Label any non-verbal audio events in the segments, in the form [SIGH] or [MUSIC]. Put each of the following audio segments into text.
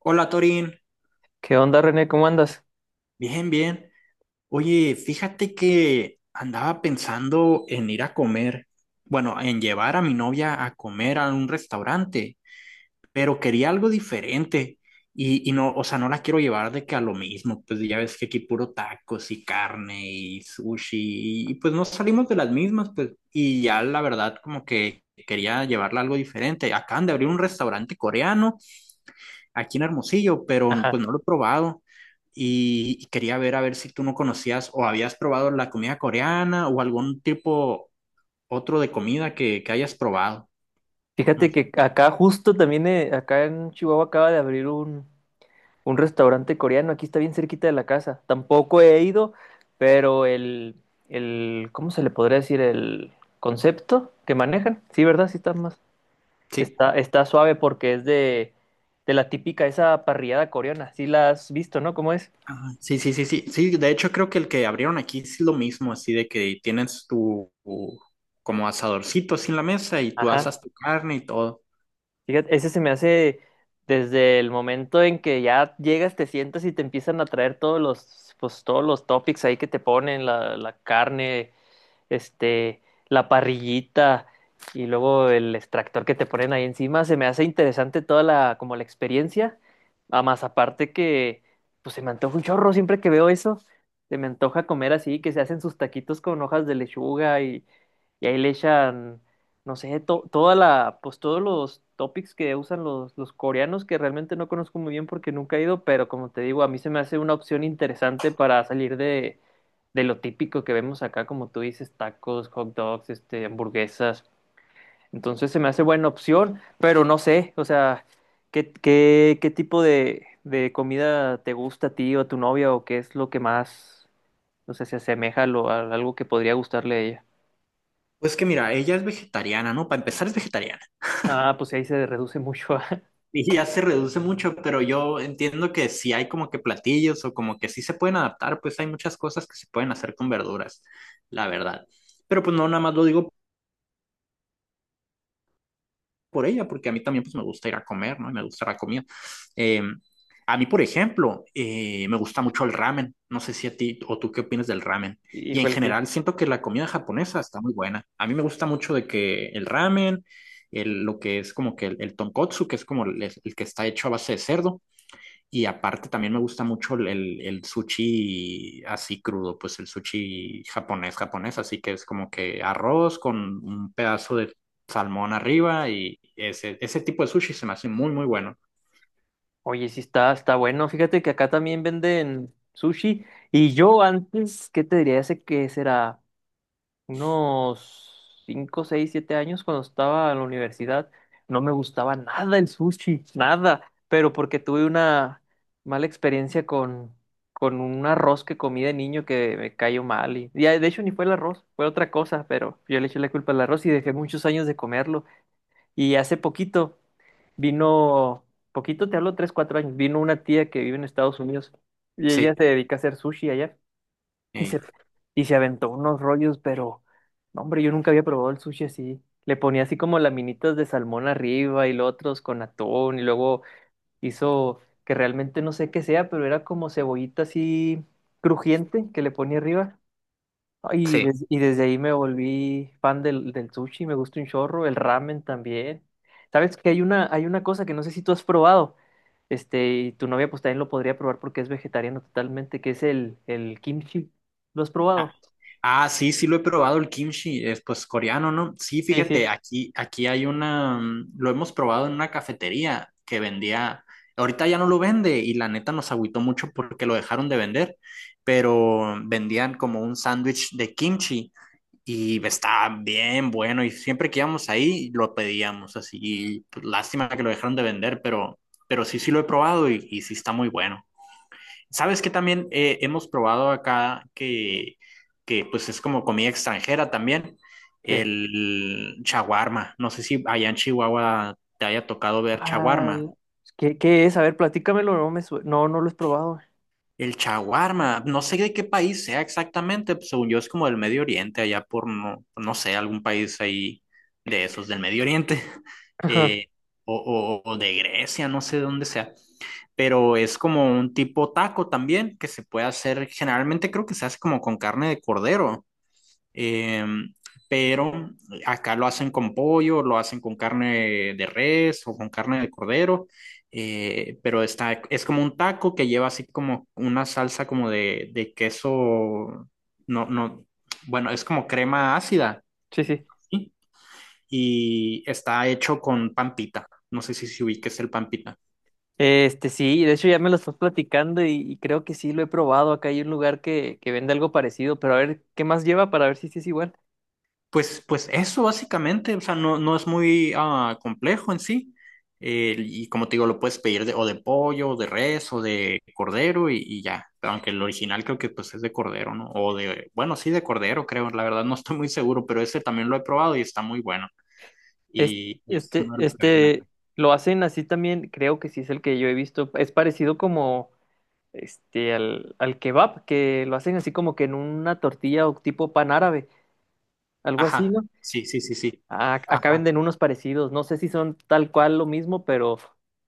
Hola Torín, ¿Qué onda, René? ¿Cómo andas? bien, bien. Oye, fíjate que andaba pensando en ir a comer, bueno, en llevar a mi novia a comer a un restaurante, pero quería algo diferente y no, o sea, no la quiero llevar de que a lo mismo, pues ya ves que aquí puro tacos y carne y sushi y pues no salimos de las mismas, pues y ya la verdad como que quería llevarla a algo diferente. Acaban de abrir un restaurante coreano aquí en Hermosillo, pero pues Ajá. no lo he probado. Y quería ver a ver si tú no conocías o habías probado la comida coreana o algún tipo otro de comida que hayas probado, ¿no? Fíjate que acá justo también, acá en Chihuahua acaba de abrir un restaurante coreano. Aquí está bien cerquita de la casa. Tampoco he ido, pero el, ¿cómo se le podría decir? El concepto que manejan. Sí, ¿verdad? Sí está más. Sí. Está suave porque es de la típica, esa parrillada coreana. Sí la has visto, ¿no? ¿Cómo es? Ajá, sí, sí, sí, sí, sí, de hecho creo que el que abrieron aquí es lo mismo, así de que tienes tu como asadorcito así en la mesa y tú Ajá. asas tu carne y todo. Fíjate, ese se me hace desde el momento en que ya llegas, te sientas y te empiezan a traer todos los, pues, todos los topics ahí que te ponen, la carne, este, la parrillita y luego el extractor que te ponen ahí encima, se me hace interesante toda la, como la experiencia, a más aparte que, pues se me antoja un chorro siempre que veo eso, se me antoja comer así, que se hacen sus taquitos con hojas de lechuga y ahí le echan, no sé, toda la, pues todos los topics que usan los coreanos, que realmente no conozco muy bien porque nunca he ido, pero como te digo, a mí se me hace una opción interesante para salir de lo típico que vemos acá, como tú dices, tacos, hot dogs, hamburguesas. Entonces se me hace buena opción, pero no sé, o sea, ¿qué tipo de comida te gusta a ti o a tu novia o qué es lo que más, no sé, se asemeja a, a algo que podría gustarle a ella? Pues que mira, ella es vegetariana, ¿no? Para empezar es vegetariana. Ah, pues ahí se reduce mucho. [LAUGHS] Y ya se reduce mucho, pero yo entiendo que si hay como que platillos o como que sí se pueden adaptar, pues hay muchas cosas que se pueden hacer con verduras, la verdad. Pero pues no, nada más lo digo por ella, porque a mí también pues me gusta ir a comer, ¿no? Y me gusta la comida. Eh, a mí, por ejemplo, me gusta mucho el ramen. No sé si a ti o tú qué opinas del ramen. Y en Híjole, sí. general siento que la comida japonesa está muy buena. A mí me gusta mucho de que el ramen, lo que es como que el tonkotsu, que es como el que está hecho a base de cerdo. Y aparte también me gusta mucho el sushi así crudo, pues el sushi japonés, japonés, así que es como que arroz con un pedazo de salmón arriba y ese tipo de sushi se me hace muy, muy bueno. Oye, sí está, está bueno. Fíjate que acá también venden sushi y yo antes, ¿qué te diría? Hace que será unos 5, 6, 7 años cuando estaba en la universidad, no me gustaba nada el sushi, nada, pero porque tuve una mala experiencia con un arroz que comí de niño que me cayó mal y, de hecho ni fue el arroz, fue otra cosa, pero yo le eché la culpa al arroz y dejé muchos años de comerlo y hace poquito vino, poquito te hablo 3, 4 años, vino una tía que vive en Estados Unidos y ella Sí, se dedica a hacer sushi allá. Y se, ey. y se aventó unos rollos, pero, no, hombre, yo nunca había probado el sushi así. Le ponía así como laminitas de salmón arriba y los otros con atún y luego hizo que realmente no sé qué sea, pero era como cebollita así crujiente que le ponía arriba. No, Sí. Y desde ahí me volví fan del, del sushi, me gusta un chorro, el ramen también. Sabes que hay una cosa que no sé si tú has probado, y tu novia pues también lo podría probar porque es vegetariano totalmente, que es el kimchi. ¿Lo has probado? Ah, sí, sí lo he probado el kimchi, es pues coreano, ¿no? Sí, Sí, fíjate, sí. Aquí hay una, lo hemos probado en una cafetería que vendía, ahorita ya no lo vende y la neta nos agüitó mucho porque lo dejaron de vender, pero vendían como un sándwich de kimchi y estaba bien bueno y siempre que íbamos ahí lo pedíamos así, y pues lástima que lo dejaron de vender, pero sí, sí lo he probado y sí está muy bueno. Sabes que también hemos probado acá que pues es como comida extranjera también, ¿Qué? el chaguarma. No sé si allá en Chihuahua te haya tocado ver chaguarma. Al- ¿Qué es? A ver, platícamelo, No, no lo he probado. El chaguarma, no sé de qué país sea exactamente, pues, según yo es como del Medio Oriente, allá por no sé, algún país ahí de esos del Medio Oriente, [LAUGHS] Ajá, eh, o, o de Grecia, no sé de dónde sea, pero es como un tipo taco también que se puede hacer, generalmente creo que se hace como con carne de cordero. Eh, pero acá lo hacen con pollo, lo hacen con carne de res o con carne de cordero, pero está, es como un taco que lleva así como una salsa como de queso, no, no, bueno, es como crema ácida, sí, sí. ¿sí? Y está hecho con pampita, no sé si se ubique el pampita. Sí, de hecho ya me lo estás platicando y creo que sí lo he probado. Acá hay un lugar que vende algo parecido, pero a ver, ¿qué más lleva para ver si sí es igual? Pues, pues eso básicamente, o sea, no, no es muy complejo en sí. Y como te digo, lo puedes pedir de, o de pollo, o de res, o de cordero y ya. Pero aunque el original creo que pues es de cordero, ¿no? O de, bueno, sí de cordero, creo. La verdad no estoy muy seguro, pero ese también lo he probado y está muy bueno. Es- Y es Este, uno de los que venden aquí. este, lo hacen así también, creo que sí es el que yo he visto. Es parecido como al, al kebab, que lo hacen así como que en una tortilla o tipo pan árabe, algo así, Ajá, ¿no? sí, sí, sí, sí. Ah, acá Ajá, venden unos parecidos, no sé si son tal cual lo mismo, pero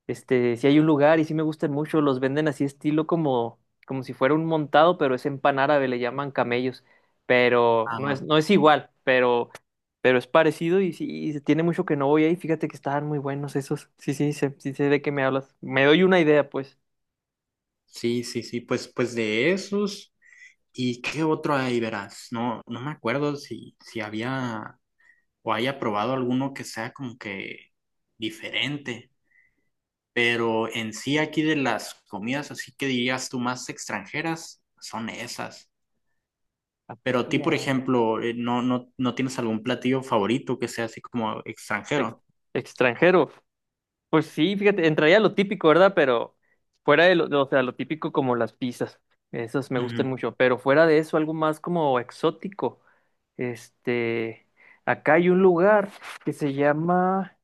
si hay un lugar y sí me gustan mucho, los venden así estilo como, como si fuera un montado, pero es en pan árabe, le llaman camellos, pero no es, ajá. no es igual, pero es parecido y sí, y se tiene mucho que no voy ahí, fíjate que estaban muy buenos esos, sí, sí, sí sé de qué me hablas, me doy una idea, pues. Sí, sí, sí, pues, pues de esos. ¿Y qué otro hay, verás? No, no me acuerdo si, si había o haya probado alguno que sea como que diferente. Pero en sí aquí de las comidas, así que dirías tú más extranjeras, son esas. ¿A Pero poco a ti, ya por hay? ejemplo, no, no, no tienes algún platillo favorito que sea así como Ex- extranjero. extranjero, Pues sí, fíjate, entraría lo típico, ¿verdad? Pero fuera de lo, o sea, lo típico como las pizzas, esas me gustan Ujú. mucho, pero fuera de eso, algo más como exótico. Este, acá hay un lugar que se llama,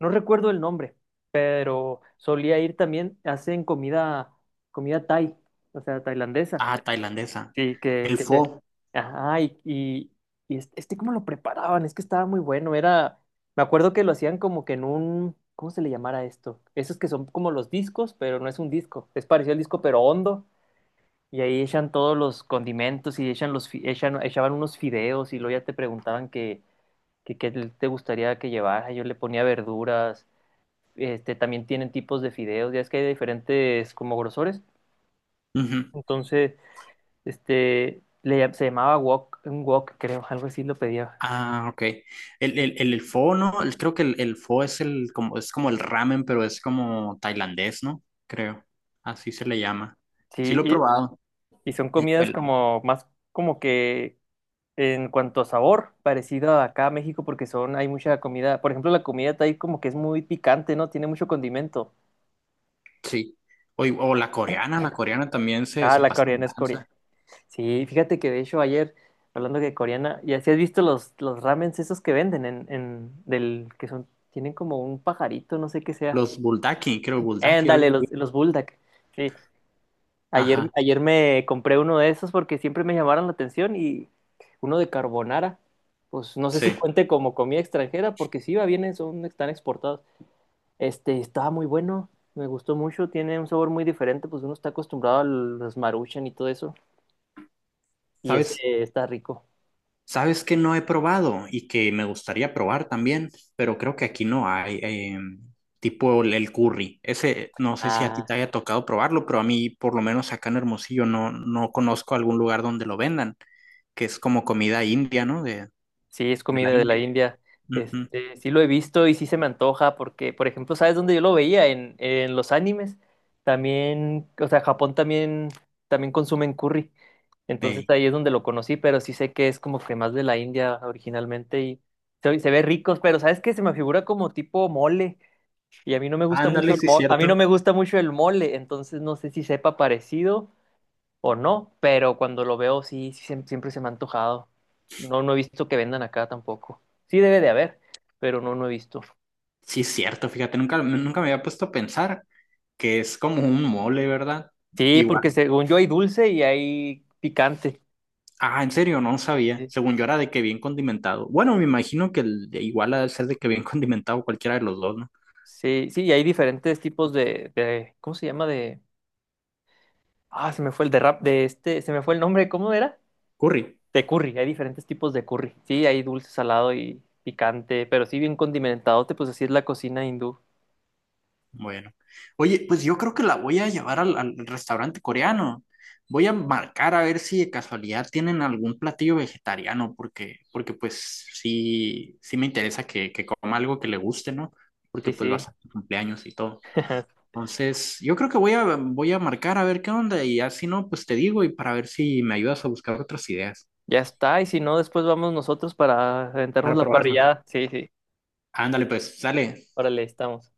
no recuerdo el nombre, pero solía ir también, hacen comida, comida Thai, o sea, tailandesa. Ah, tailandesa. Sí, El que te... pho. Ajá, y, cómo lo preparaban, es que estaba muy bueno, era... Me acuerdo que lo hacían como que en un... ¿Cómo se le llamara esto? Esos que son como los discos, pero no es un disco, es parecido al disco, pero hondo, y ahí echan todos los condimentos y echan los, echaban unos fideos y luego ya te preguntaban que qué te gustaría que llevara, yo le ponía verduras, también tienen tipos de fideos, ya es que hay diferentes como grosores, Ujú. entonces... se llamaba wok, un wok, creo, algo así lo pedía. Ah, ok. El pho, ¿no? Creo que el pho es el como es como el ramen, pero es como tailandés, ¿no? Creo. Así se le llama. Sí, Sí lo he probado. Y son Eh, comidas El, como más como que en cuanto a sabor, parecido a acá a México, porque son, hay mucha comida. Por ejemplo, la comida ahí como que es muy picante, ¿no? Tiene mucho condimento. Sí. O la coreana también se, Ah, se la pasa de coreana es coreana. lanza. Sí, fíjate que de hecho ayer, hablando de coreana, ya si has visto los ramens esos que venden en, del, que son, tienen como un pajarito, no sé qué sea. Los buldaki, creo, buldaki, algo Ándale, así. los bulldog. Sí, Ayer, Ajá, ayer me compré uno de esos porque siempre me llamaron la atención y uno de carbonara. Pues no sé si sí. cuente como comida extranjera porque sí, va bien, son, están exportados. Estaba muy bueno, me gustó mucho, tiene un sabor muy diferente, pues uno está acostumbrado a los Maruchan y todo eso y ese ¿Sabes? está rico. ¿Sabes que no he probado y que me gustaría probar también? Pero creo que aquí no hay, tipo el curry. Ese, no sé si a ti Ah, te haya tocado probarlo, pero a mí, por lo menos acá en Hermosillo, no, no conozco algún lugar donde lo vendan, que es como comida india, ¿no? Sí, es De la comida de la India. India. Ujú. Sí lo he visto y sí se me antoja porque, por ejemplo, ¿sabes dónde yo lo veía? En los animes. También, o sea, Japón también, también consumen curry. Entonces Ey. ahí es donde lo conocí, pero sí sé que es como que más de la India originalmente y se ve ricos, pero ¿sabes qué? Se me figura como tipo mole y a mí no me gusta mucho Ándale, el sí, es mole, a mí no cierto. me gusta mucho el mole, entonces no sé si sepa parecido o no, pero cuando lo veo sí, siempre se me ha antojado. No, no he visto que vendan acá tampoco. Sí debe de haber, pero no, no he visto. Sí, es cierto, fíjate, nunca, nunca me había puesto a pensar que es como un mole, ¿verdad? Sí, Igual. porque según yo hay dulce y hay picante. Ah, en serio, no sabía. Sí, Según yo era de que bien condimentado. Bueno, me imagino que igual ha de ser de que bien [LAUGHS] condimentado cualquiera de los dos, ¿no? sí, sí, y hay diferentes tipos de ¿cómo se llama? Ah, se me fue el de rap de se me fue el nombre, ¿cómo era? Curry. De curry, hay diferentes tipos de curry. Sí, hay dulce, salado y picante, pero sí bien condimentadote, pues así es la cocina hindú. Bueno. Oye, pues yo creo que la voy a llevar al restaurante coreano. Voy a marcar a ver si de casualidad tienen algún platillo vegetariano, porque pues sí, sí me interesa que coma algo que le guste, ¿no? Porque Sí, pues va a sí. ser su cumpleaños y todo. [LAUGHS] Entonces, yo creo que voy a marcar a ver qué onda y así no, pues te digo y para ver si me ayudas a buscar otras ideas Ya está, y si no, después vamos nosotros para aventarnos para la probarlo. parrillada. Sí, sí. Ándale, pues, sale. Órale, estamos.